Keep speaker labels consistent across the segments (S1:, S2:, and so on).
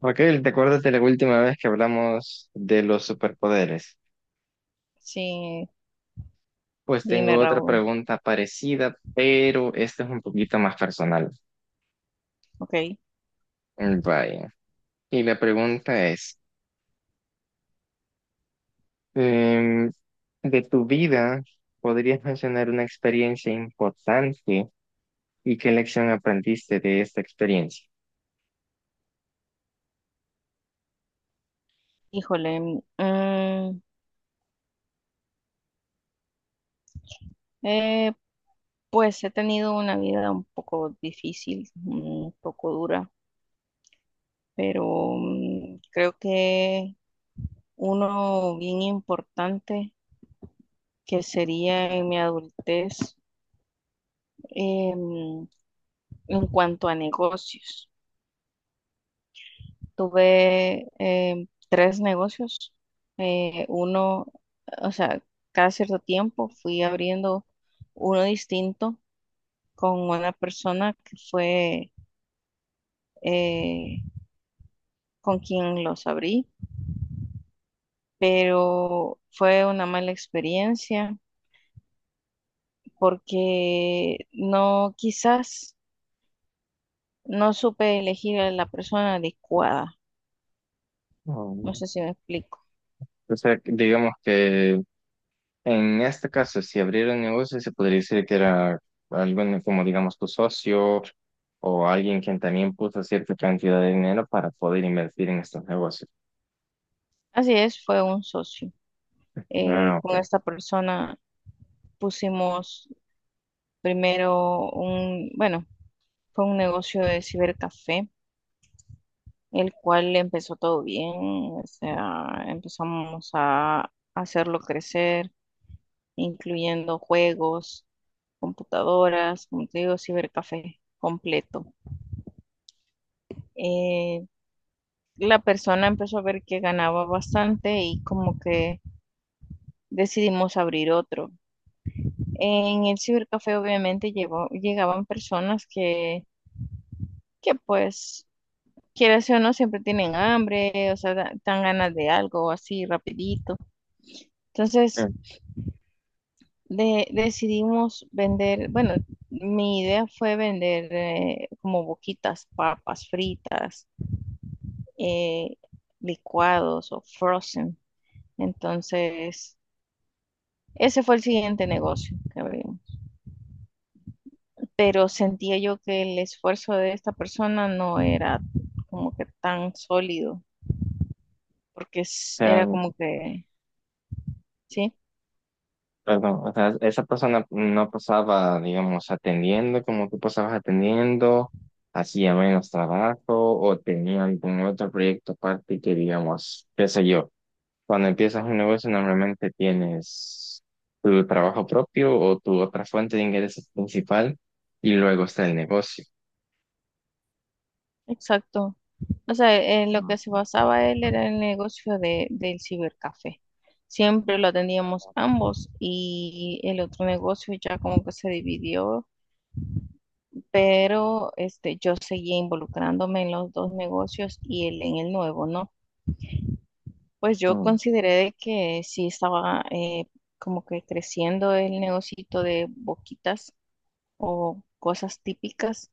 S1: Raquel, ¿te acuerdas de la última vez que hablamos de los superpoderes?
S2: Sí,
S1: Pues
S2: dime,
S1: tengo otra
S2: Raúl.
S1: pregunta parecida, pero esta es un poquito más personal.
S2: Ok.
S1: Vaya. Y la pregunta es, em, de tu vida, ¿podrías mencionar una experiencia importante y qué lección aprendiste de esta experiencia?
S2: Híjole. Eh, pues he tenido una vida un poco difícil, un poco dura, pero creo que uno bien importante que sería en mi adultez em, en cuanto a negocios. Tuve tres negocios. Uno, o sea, cada cierto tiempo fui abriendo uno distinto con una persona que fue eh, con quien los abrí, pero fue una mala experiencia porque no, quizás no supe elegir a la persona adecuada. No
S1: Oh.
S2: sé si me explico.
S1: O sea, digamos que, en este caso, si abriera un negocio, se podría decir que era alguien como, digamos, tu socio o alguien quien también puso cierta cantidad de dinero para poder invertir en estos negocios.
S2: Así es, fue un socio.
S1: Ah,
S2: Con
S1: ok.
S2: esta persona pusimos primero un, bueno, fue un negocio de cibercafé, el cual empezó todo bien, o sea, empezamos a hacerlo crecer, incluyendo juegos, computadoras, como te digo, cibercafé completo. Eh, la persona empezó a ver que ganaba bastante y como que decidimos abrir otro. En el cibercafé obviamente llegaban personas que pues, quieras o no, siempre tienen hambre, o sea, dan ganas de algo así rapidito. Entonces,
S1: O
S2: decidimos vender, bueno, mi idea fue vender como boquitas, papas fritas, eh, licuados o frozen. Entonces, ese fue el siguiente negocio que abrimos. Pero sentía yo que el esfuerzo de esta persona no era como que tan sólido, porque era
S1: sea,
S2: como que, sí,
S1: perdón, o sea, esa persona no pasaba, digamos, atendiendo como tú pasabas atendiendo, hacía menos trabajo o tenía algún otro proyecto aparte que, digamos, qué sé yo. Cuando empiezas un negocio, normalmente tienes tu trabajo propio o tu otra fuente de ingresos principal y luego está el negocio.
S2: exacto. O sea, en lo que
S1: Ah.
S2: se basaba él era el negocio de, del cibercafé. Siempre lo atendíamos ambos y el otro negocio ya como que se dividió, pero este, yo seguía involucrándome en los dos negocios y él en el nuevo, ¿no? Pues yo
S1: Mm,
S2: consideré de que sí estaba como que creciendo el negocito de boquitas o cosas típicas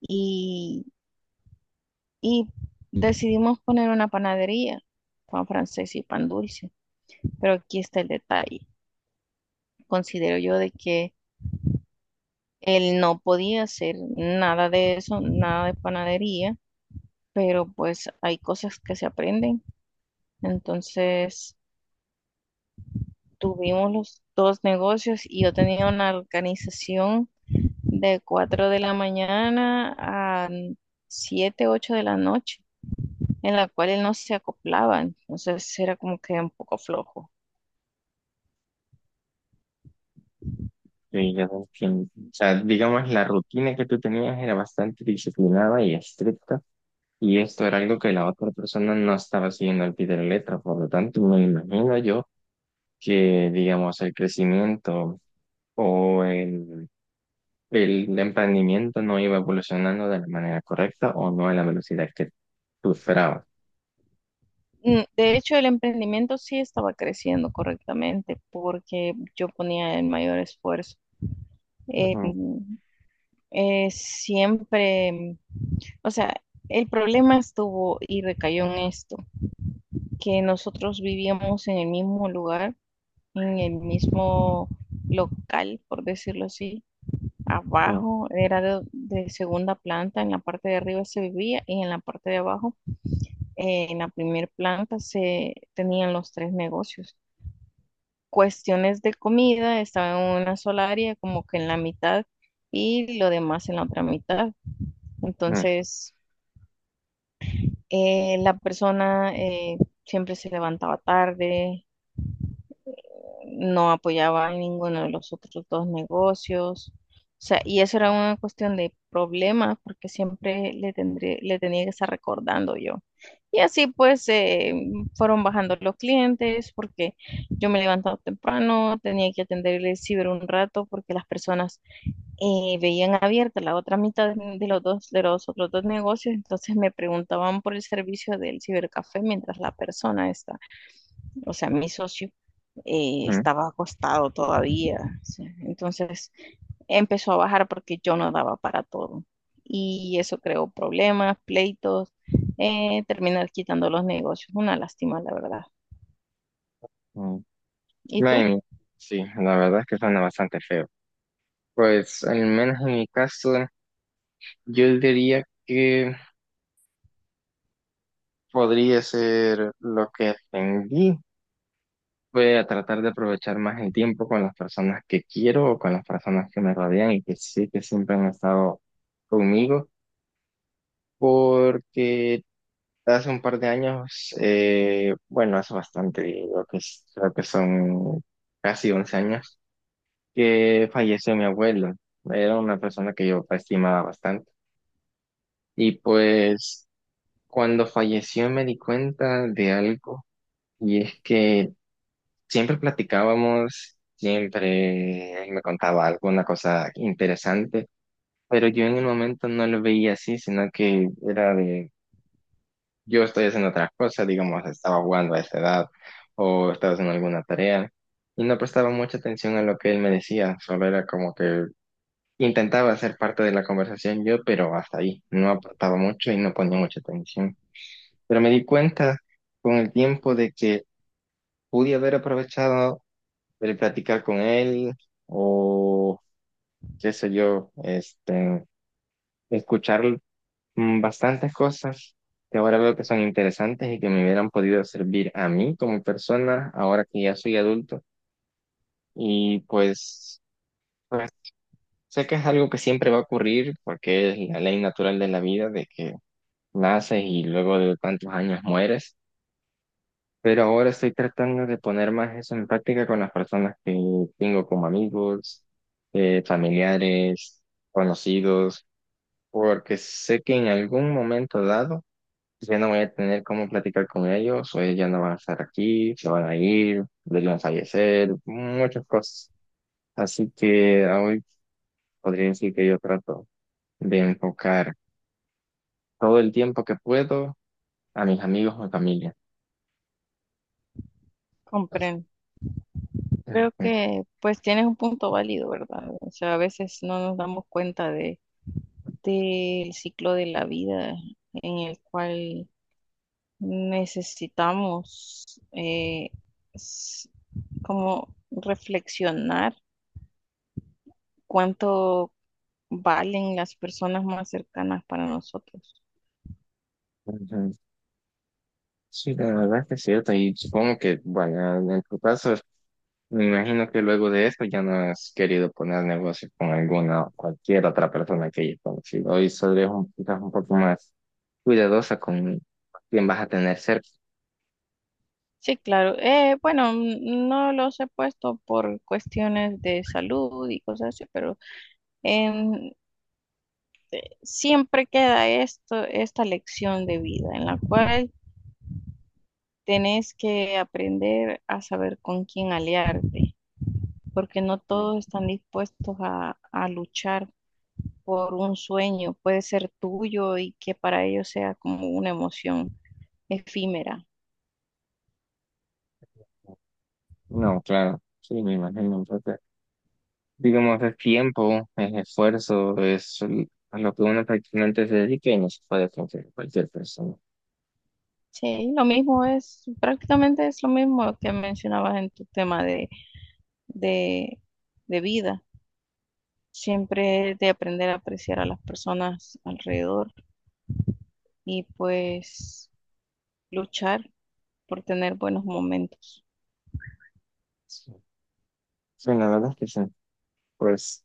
S2: y, y decidimos poner una panadería, pan francés y pan dulce. Pero aquí está el detalle. Considero yo de que él no podía hacer nada de eso, nada de panadería, pero pues hay cosas que se aprenden. Entonces tuvimos los dos negocios y yo tenía una organización de 4 de la mañana a 7 8 de la noche, en la cual él no se acoplaba. Entonces era como que un poco flojo.
S1: sí, ya te entiendo. O sea, digamos, la rutina que tú tenías era bastante disciplinada y estricta y esto era algo que la otra persona no estaba siguiendo al pie de la letra. Por lo tanto, me imagino yo que, digamos, el crecimiento o el emprendimiento no iba evolucionando de la manera correcta o no a la velocidad que tú esperabas.
S2: De hecho, el emprendimiento sí estaba creciendo correctamente porque yo ponía el mayor esfuerzo. Eh,
S1: Ujú,
S2: mm, Siempre, o sea, el problema estuvo y recayó en esto, que nosotros vivíamos en el mismo lugar, en el mismo local, por decirlo así.
S1: ujú,
S2: Abajo era de segunda planta, en la parte de arriba se vivía y en la parte de abajo, en la primera planta se tenían los tres negocios. Cuestiones de comida, estaba en una sola área, como que en la mitad, y lo demás en la otra mitad. Entonces, la persona siempre se levantaba tarde, no apoyaba a ninguno de los otros dos negocios. O sea, y eso era una cuestión de problemas porque siempre le tenía que estar recordando yo. Y así pues fueron bajando los clientes porque yo me levantaba temprano, tenía que atender el ciber un rato porque las personas veían abierta la otra mitad de de los otros dos negocios, entonces me preguntaban por el servicio del cibercafé mientras la persona estaba, o sea, mi socio,
S1: ujú,
S2: estaba acostado todavía. ¿Sí? Entonces empezó a bajar porque yo no daba para todo. Y eso creó problemas, pleitos, terminar quitando los negocios. Una lástima, la verdad.
S1: ujú.
S2: ¿Y tú?
S1: Bueno, sí, la verdad es que suena bastante feo. Pues al menos en mi caso, yo diría que podría ser lo que aprendí. Voy a tratar de aprovechar más el tiempo con las personas que quiero o con las personas que me rodean y que sí que siempre han estado conmigo, porque hace un par de años, bueno, hace bastante, digo que, creo que son casi 11 años, que falleció mi abuelo. Era una persona que yo estimaba bastante. Y pues cuando falleció me di cuenta de algo, y es que siempre platicábamos, siempre él me contaba alguna cosa interesante, pero yo en el momento no lo veía así, sino que era de yo estoy haciendo otra cosa, digamos, estaba jugando a esa edad o estaba haciendo alguna tarea y no prestaba mucha atención a lo que él me decía, solo era como que intentaba ser parte de la conversación yo, pero hasta ahí, no aportaba mucho y no ponía mucha atención. Pero me di cuenta con el tiempo de que pude haber aprovechado el platicar con él o qué sé yo, este, escuchar bastantes cosas que ahora veo que son interesantes y que me hubieran podido servir a mí como persona ahora que ya soy adulto. Y pues, pues sé que es algo que siempre va a ocurrir porque es la ley natural de la vida de que naces y luego de tantos años mueres. Pero ahora estoy tratando de poner más eso en práctica con las personas que tengo como amigos, familiares, conocidos, porque sé que en algún momento dado pues ya no voy a tener cómo platicar con ellos, o ellos ya no van a estar aquí, se van a ir, ellos van a fallecer, muchas cosas. Así que hoy podría decir que yo trato de enfocar todo el tiempo que puedo a mis amigos o familia.
S2: Comprendo.
S1: Ujú,
S2: Creo que pues tienes un punto válido, ¿verdad? O sea, a veces no nos damos cuenta de, del ciclo de la vida en el cual necesitamos eh, s- como reflexionar cuánto valen las personas más cercanas para nosotros.
S1: ujú. Sí, la verdad es que es cierto, y supongo que, bueno, en tu caso, me imagino que luego de esto ya no has querido poner negocios con alguna o cualquier otra persona que hayas conocido, hoy solo es un, quizás un poco más cuidadosa con quién vas a tener cerca.
S2: Sí, claro. Bueno, no los he puesto por cuestiones de salud y cosas así, pero em, siempre queda esto, esta lección de vida en la cual tenés que aprender a saber con quién aliarte, porque no
S1: Mm.
S2: todos están dispuestos a luchar por un sueño, puede ser tuyo y que para ellos sea como una emoción efímera.
S1: No, claro, sí, me imagino. Entonces, digamos, es tiempo, es esfuerzo, es a lo que uno prácticamente se dedica y no se puede confiar en cualquier persona.
S2: Sí, lo mismo es, prácticamente es lo mismo que mencionabas en tu tema de, de vida. Siempre es de aprender a apreciar a las personas alrededor y pues luchar por tener buenos momentos.
S1: Sí, sí, la verdad es que sí. Pues,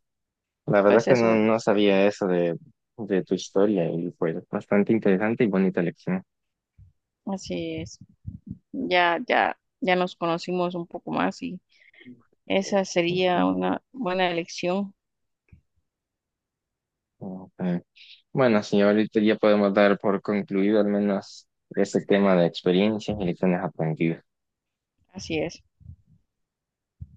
S1: la verdad es
S2: Pues
S1: que
S2: eso,
S1: no, no sabía eso de tu historia y fue bastante interesante y bonita lección.
S2: así es. Ya, ya, ya nos conocimos un poco más y esa sería
S1: Ujú.
S2: una buena elección.
S1: Ok. Bueno, sí, ahorita ya podemos dar por concluido al menos ese tema de experiencias y lecciones aprendidas.
S2: Así es.